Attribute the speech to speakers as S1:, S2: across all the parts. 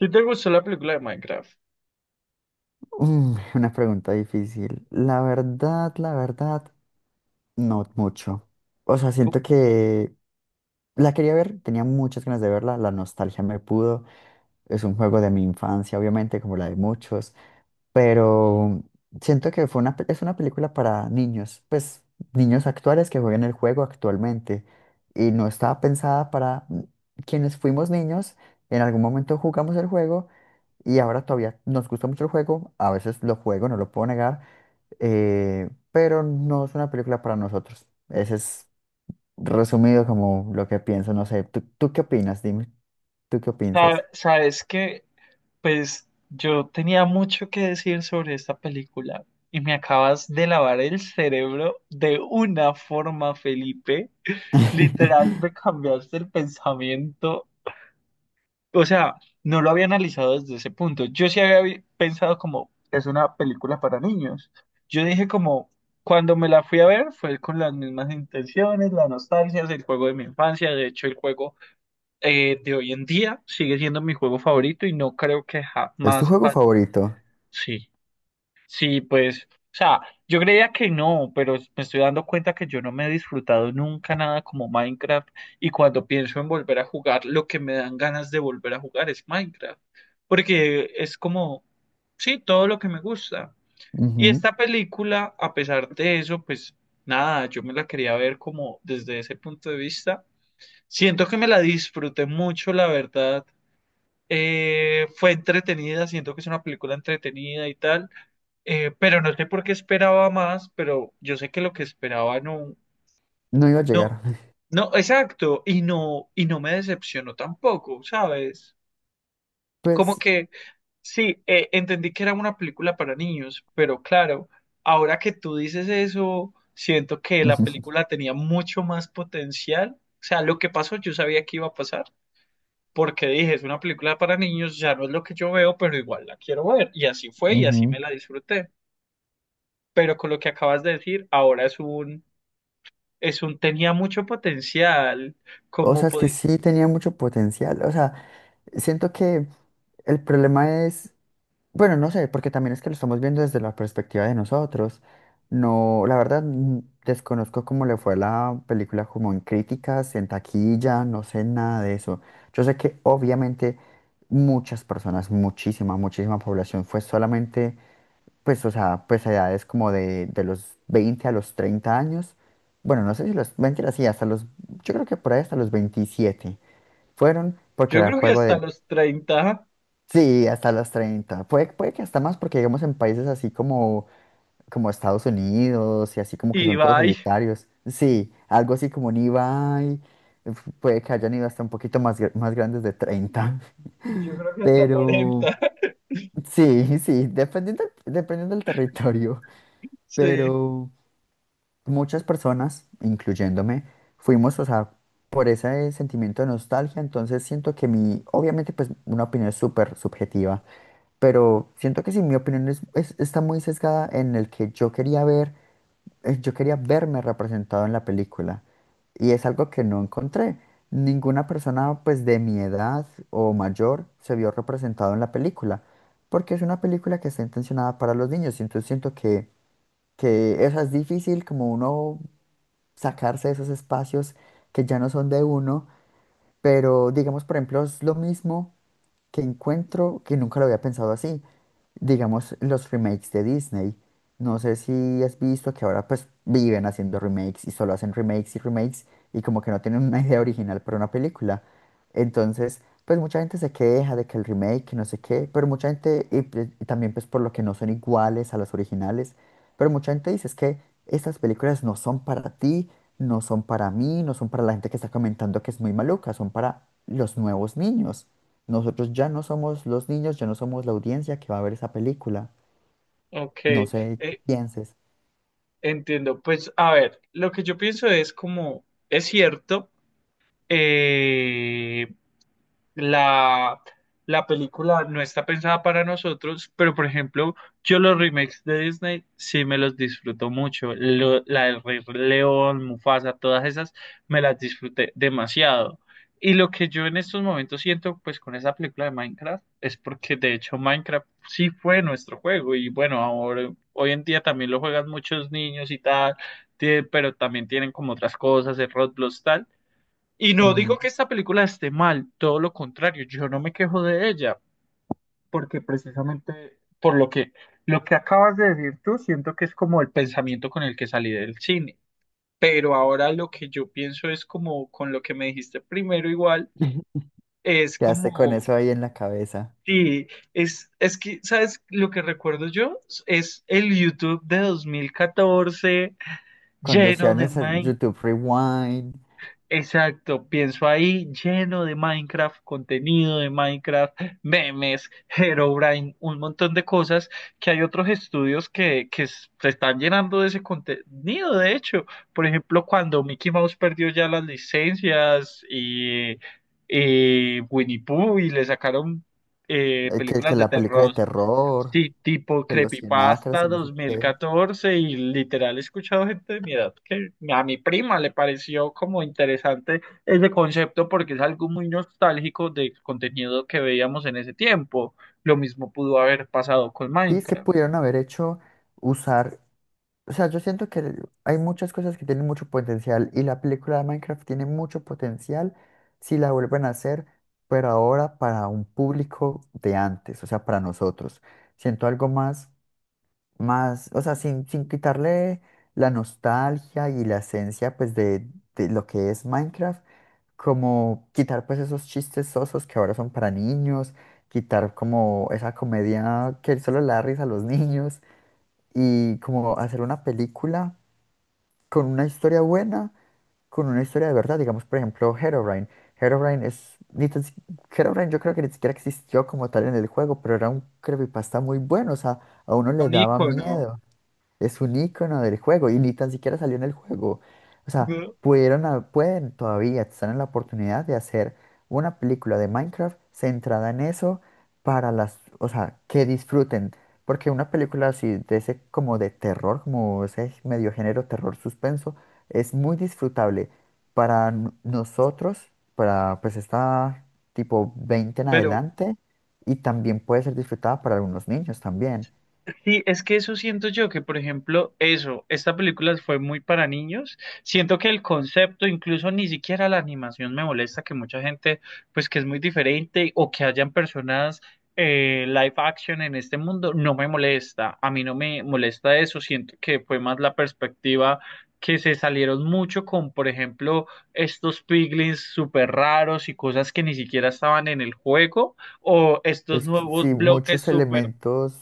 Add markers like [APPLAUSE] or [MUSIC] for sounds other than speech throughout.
S1: ¿Sí te gustó la película de Minecraft?
S2: Mm, una pregunta difícil. La verdad, no mucho. O sea,
S1: Pu-
S2: siento que la quería ver, tenía muchas ganas de verla, la nostalgia me pudo. Es un juego de mi infancia, obviamente, como la de muchos, pero siento que es una película para niños, pues niños actuales que juegan el juego actualmente y no estaba pensada para quienes fuimos niños, en algún momento jugamos el juego y ahora todavía nos gusta mucho el juego, a veces lo juego, no lo puedo negar, pero no es una película para nosotros. Ese es, resumido, como lo que pienso, no sé. ¿Tú, ¿qué opinas? Dime, ¿tú qué piensas?
S1: Sabes que, pues, yo tenía mucho que decir sobre esta película y me acabas de lavar el cerebro de una forma, Felipe. Literal,
S2: [LAUGHS]
S1: me cambiaste el pensamiento. O sea, no lo había analizado desde ese punto. Yo sí pensado como, es una película para niños. Yo dije como, cuando me la fui a ver, fue con las mismas intenciones, la nostalgia, el juego de mi infancia. De hecho, el juego de hoy en día sigue siendo mi juego favorito y no creo que
S2: ¿Es tu
S1: jamás
S2: juego
S1: va...
S2: favorito?
S1: Sí, sí, pues, o sea, yo creía que no, pero me estoy dando cuenta que yo no me he disfrutado nunca nada como Minecraft, y cuando pienso en volver a jugar, lo que me dan ganas de volver a jugar es Minecraft, porque es como, sí, todo lo que me gusta. Y
S2: Ujú.
S1: esta película, a pesar de eso, pues nada, yo me la quería ver como desde ese punto de vista. Siento que me la disfruté mucho, la verdad, fue entretenida, siento que es una película entretenida y tal, pero no sé por qué esperaba más, pero yo sé que lo que esperaba no,
S2: No iba a
S1: no,
S2: llegar. [LAUGHS]
S1: no, exacto, y no me decepcionó tampoco, ¿sabes? Como
S2: Pues,
S1: que sí, entendí que era una película para niños, pero claro, ahora que tú dices eso, siento que la
S2: ujú,
S1: película tenía mucho más potencial. O sea, lo que pasó yo sabía que iba a pasar porque dije, es una película para niños, ya no es lo que yo veo, pero igual la quiero ver. Y así fue y así
S2: ujú.
S1: me la disfruté. Pero con lo que acabas de decir, ahora es un tenía mucho potencial,
S2: O
S1: como
S2: sea, es que
S1: podi-
S2: sí tenía mucho potencial. O sea, siento que el problema es, bueno, no sé, porque también es que lo estamos viendo desde la perspectiva de nosotros. No, la verdad, desconozco cómo le fue a la película como en críticas, en taquilla, no sé nada de eso. Yo sé que obviamente muchas personas, muchísima, muchísima población fue solamente, pues, o sea, pues a edades como de los 20 a los 30 años. Bueno, no sé si los, mentira, sí, hasta los, yo creo que por ahí hasta los 27 fueron porque
S1: yo
S2: era el
S1: creo que
S2: juego
S1: hasta
S2: de.
S1: los 30
S2: Sí, hasta los 30. Puede que hasta más, porque digamos en países así como Estados Unidos y así como que
S1: y
S2: son todos
S1: bye,
S2: solitarios. Sí, algo así como un Ibai. Puede que hayan ido hasta un poquito más, más grandes de 30.
S1: yo creo
S2: [LAUGHS]
S1: que hasta
S2: Pero
S1: 40 [LAUGHS]
S2: sí, sí, dependiendo, dependiendo del territorio.
S1: Sí,
S2: Pero muchas personas, incluyéndome, fuimos, o sea, por ese sentimiento de nostalgia. Entonces siento que mi, obviamente, pues una opinión súper subjetiva, pero siento que sí, mi opinión está muy sesgada en el que yo quería ver, yo quería verme representado en la película y es algo que no encontré. Ninguna persona pues de mi edad o mayor se vio representado en la película, porque es una película que está intencionada para los niños y entonces que eso es difícil, como uno sacarse de esos espacios que ya no son de uno, pero digamos por ejemplo es lo mismo que encuentro, que nunca lo había pensado así. Digamos, los remakes de Disney. No sé si has visto que ahora pues viven haciendo remakes y solo hacen remakes y remakes, y como que no tienen una idea original para una película. Entonces, pues mucha gente se queja de que el remake, que no sé qué, pero mucha gente, y, pues, y también pues por lo que no son iguales a las originales, pero mucha gente dice es que estas películas no son para ti, no son para mí, no son para la gente que está comentando que es muy maluca, son para los nuevos niños. Nosotros ya no somos los niños, ya no somos la audiencia que va a ver esa película.
S1: ok,
S2: No sé qué
S1: eh,
S2: pienses.
S1: entiendo. Pues a ver, lo que yo pienso es como, es cierto, eh, la, la película no está pensada para nosotros, pero por ejemplo, yo los remakes de Disney sí me los disfruto mucho. La del Rey León, Mufasa, todas esas me las disfruté demasiado. Y lo que yo en estos momentos siento pues con esa película de Minecraft es porque de hecho Minecraft sí fue nuestro juego y bueno, ahora hoy en día también lo juegan muchos niños y tal, pero también tienen como otras cosas, el Roblox tal. Y no
S2: Ujú.
S1: digo que esta película esté mal, todo lo contrario, yo no me quejo de ella, porque precisamente por lo que acabas de decir tú, siento que es como el pensamiento con el que salí del cine. Pero ahora lo que yo pienso es como con lo que me dijiste primero igual,
S2: [LAUGHS]
S1: es
S2: Quedaste con
S1: como,
S2: eso ahí en la cabeza.
S1: sí, es que, ¿sabes? Lo que recuerdo yo es el YouTube de 2014
S2: Cuando
S1: lleno
S2: hacían
S1: de
S2: ese YouTube Rewind,
S1: exacto, pienso ahí lleno de Minecraft, contenido de Minecraft, memes, Herobrine, un montón de cosas que hay otros estudios que, se están llenando de ese contenido, de hecho. Por ejemplo, cuando Mickey Mouse perdió ya las licencias y Winnie Pooh y le sacaron
S2: que
S1: películas de
S2: la película de
S1: terror.
S2: terror,
S1: Sí, tipo
S2: que los 100 acres
S1: Creepypasta
S2: y no sé
S1: dos mil
S2: qué.
S1: catorce y literal he escuchado gente de mi edad que a mi prima le pareció como interesante ese concepto porque es algo muy nostálgico del contenido que veíamos en ese tiempo. Lo mismo pudo haber pasado con
S2: Sí, es que
S1: Minecraft.
S2: pudieron haber hecho, usar... O sea, yo siento que hay muchas cosas que tienen mucho potencial y la película de Minecraft tiene mucho potencial si la vuelven a hacer, pero ahora para un público de antes, o sea, para nosotros. Siento algo más, más, o sea, sin, sin quitarle la nostalgia y la esencia, pues, de lo que es Minecraft, como quitar, pues, esos chistes sosos que ahora son para niños, quitar como esa comedia que solo le da risa a los [LAUGHS] niños, y como hacer una película con una historia buena, con una historia de verdad. Digamos, por ejemplo, Herobrine. Herobrine es. Ni tan si- Herobrine, yo creo que ni siquiera existió como tal en el juego, pero era un creepypasta muy bueno. O sea, a uno le
S1: Un
S2: daba
S1: icono,
S2: miedo. Es un icono del juego y ni tan siquiera salió en el juego. O sea,
S1: ¿no?
S2: pueden todavía, están en la oportunidad de hacer una película de Minecraft centrada en eso para las, o sea, que disfruten. Porque una película así de ese, como de terror, como ese medio género terror suspenso, es muy disfrutable para nosotros, para pues esta tipo 20 en
S1: Pero
S2: adelante, y también puede ser disfrutada para algunos niños también.
S1: sí, es que eso siento yo, que por ejemplo, eso, esta película fue muy para niños. Siento que el concepto, incluso ni siquiera la animación me molesta, que mucha gente, pues que es muy diferente o que hayan personas live action en este mundo, no me molesta. A mí no me molesta eso, siento que fue más la perspectiva, que se salieron mucho con, por ejemplo, estos piglins súper raros y cosas que ni siquiera estaban en el juego o estos
S2: Es que
S1: nuevos
S2: sí,
S1: bloques
S2: muchos
S1: súper...
S2: elementos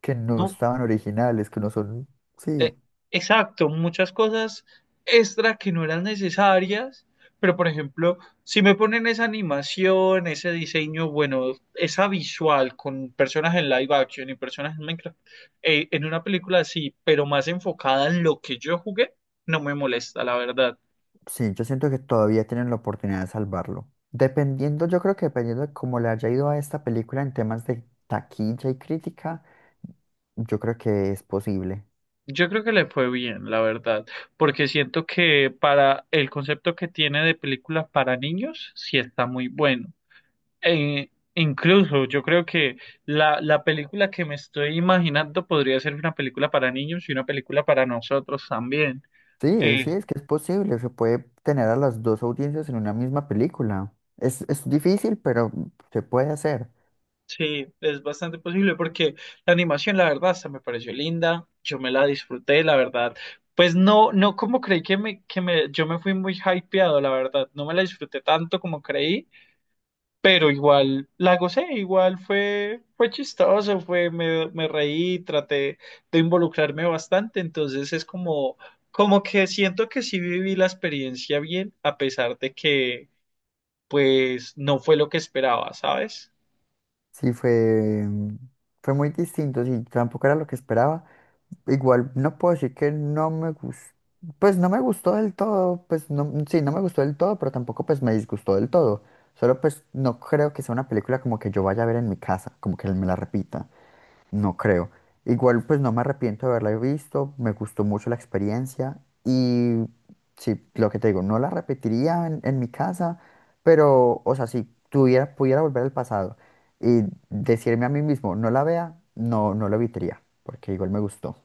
S2: que no estaban originales, que no son... Sí,
S1: Eh, exacto, muchas cosas extra que no eran necesarias, pero por ejemplo, si me ponen esa animación, ese diseño, bueno, esa visual con personas en live action y personas en Minecraft, en una película así, pero más enfocada en lo que yo jugué, no me molesta, la verdad.
S2: sí, yo siento que todavía tienen la oportunidad de salvarlo. Dependiendo, yo creo que dependiendo de cómo le haya ido a esta película en temas de taquilla y crítica, yo creo que es posible.
S1: Yo creo que le fue bien, la verdad, porque siento que para el concepto que tiene de película para niños, sí está muy bueno. E incluso yo creo que la película que me estoy imaginando podría ser una película para niños y una película para nosotros también.
S2: Sí, sí,
S1: Eh,
S2: es que es posible. Se puede tener a las dos audiencias en una misma película. Es difícil, pero se puede hacer.
S1: sí, es bastante posible porque la animación, la verdad, hasta me pareció linda, yo me la disfruté, la verdad. Pues no, no como creí que yo me fui muy hypeado, la verdad, no me la disfruté tanto como creí. Pero igual la gocé, igual fue, fue chistoso, fue, me reí, traté de involucrarme bastante, entonces es como, como que siento que sí viví la experiencia bien, a pesar de que pues no fue lo que esperaba, ¿sabes?
S2: Sí, fue, fue muy distinto. Sí, tampoco era lo que esperaba. Igual no puedo decir que no me gustó, pues no me gustó del todo, pues no, sí, no me gustó del todo, pero tampoco pues me disgustó del todo. Solo pues no creo que sea una película como que yo vaya a ver en mi casa, como que me la repita, no creo. Igual pues no me arrepiento de haberla visto, me gustó mucho la experiencia, y sí, lo que te digo, no la repetiría en mi casa, pero o sea, si tuviera, pudiera volver al pasado y decirme a mí mismo, no la vea, no, no lo evitaría, porque igual me gustó.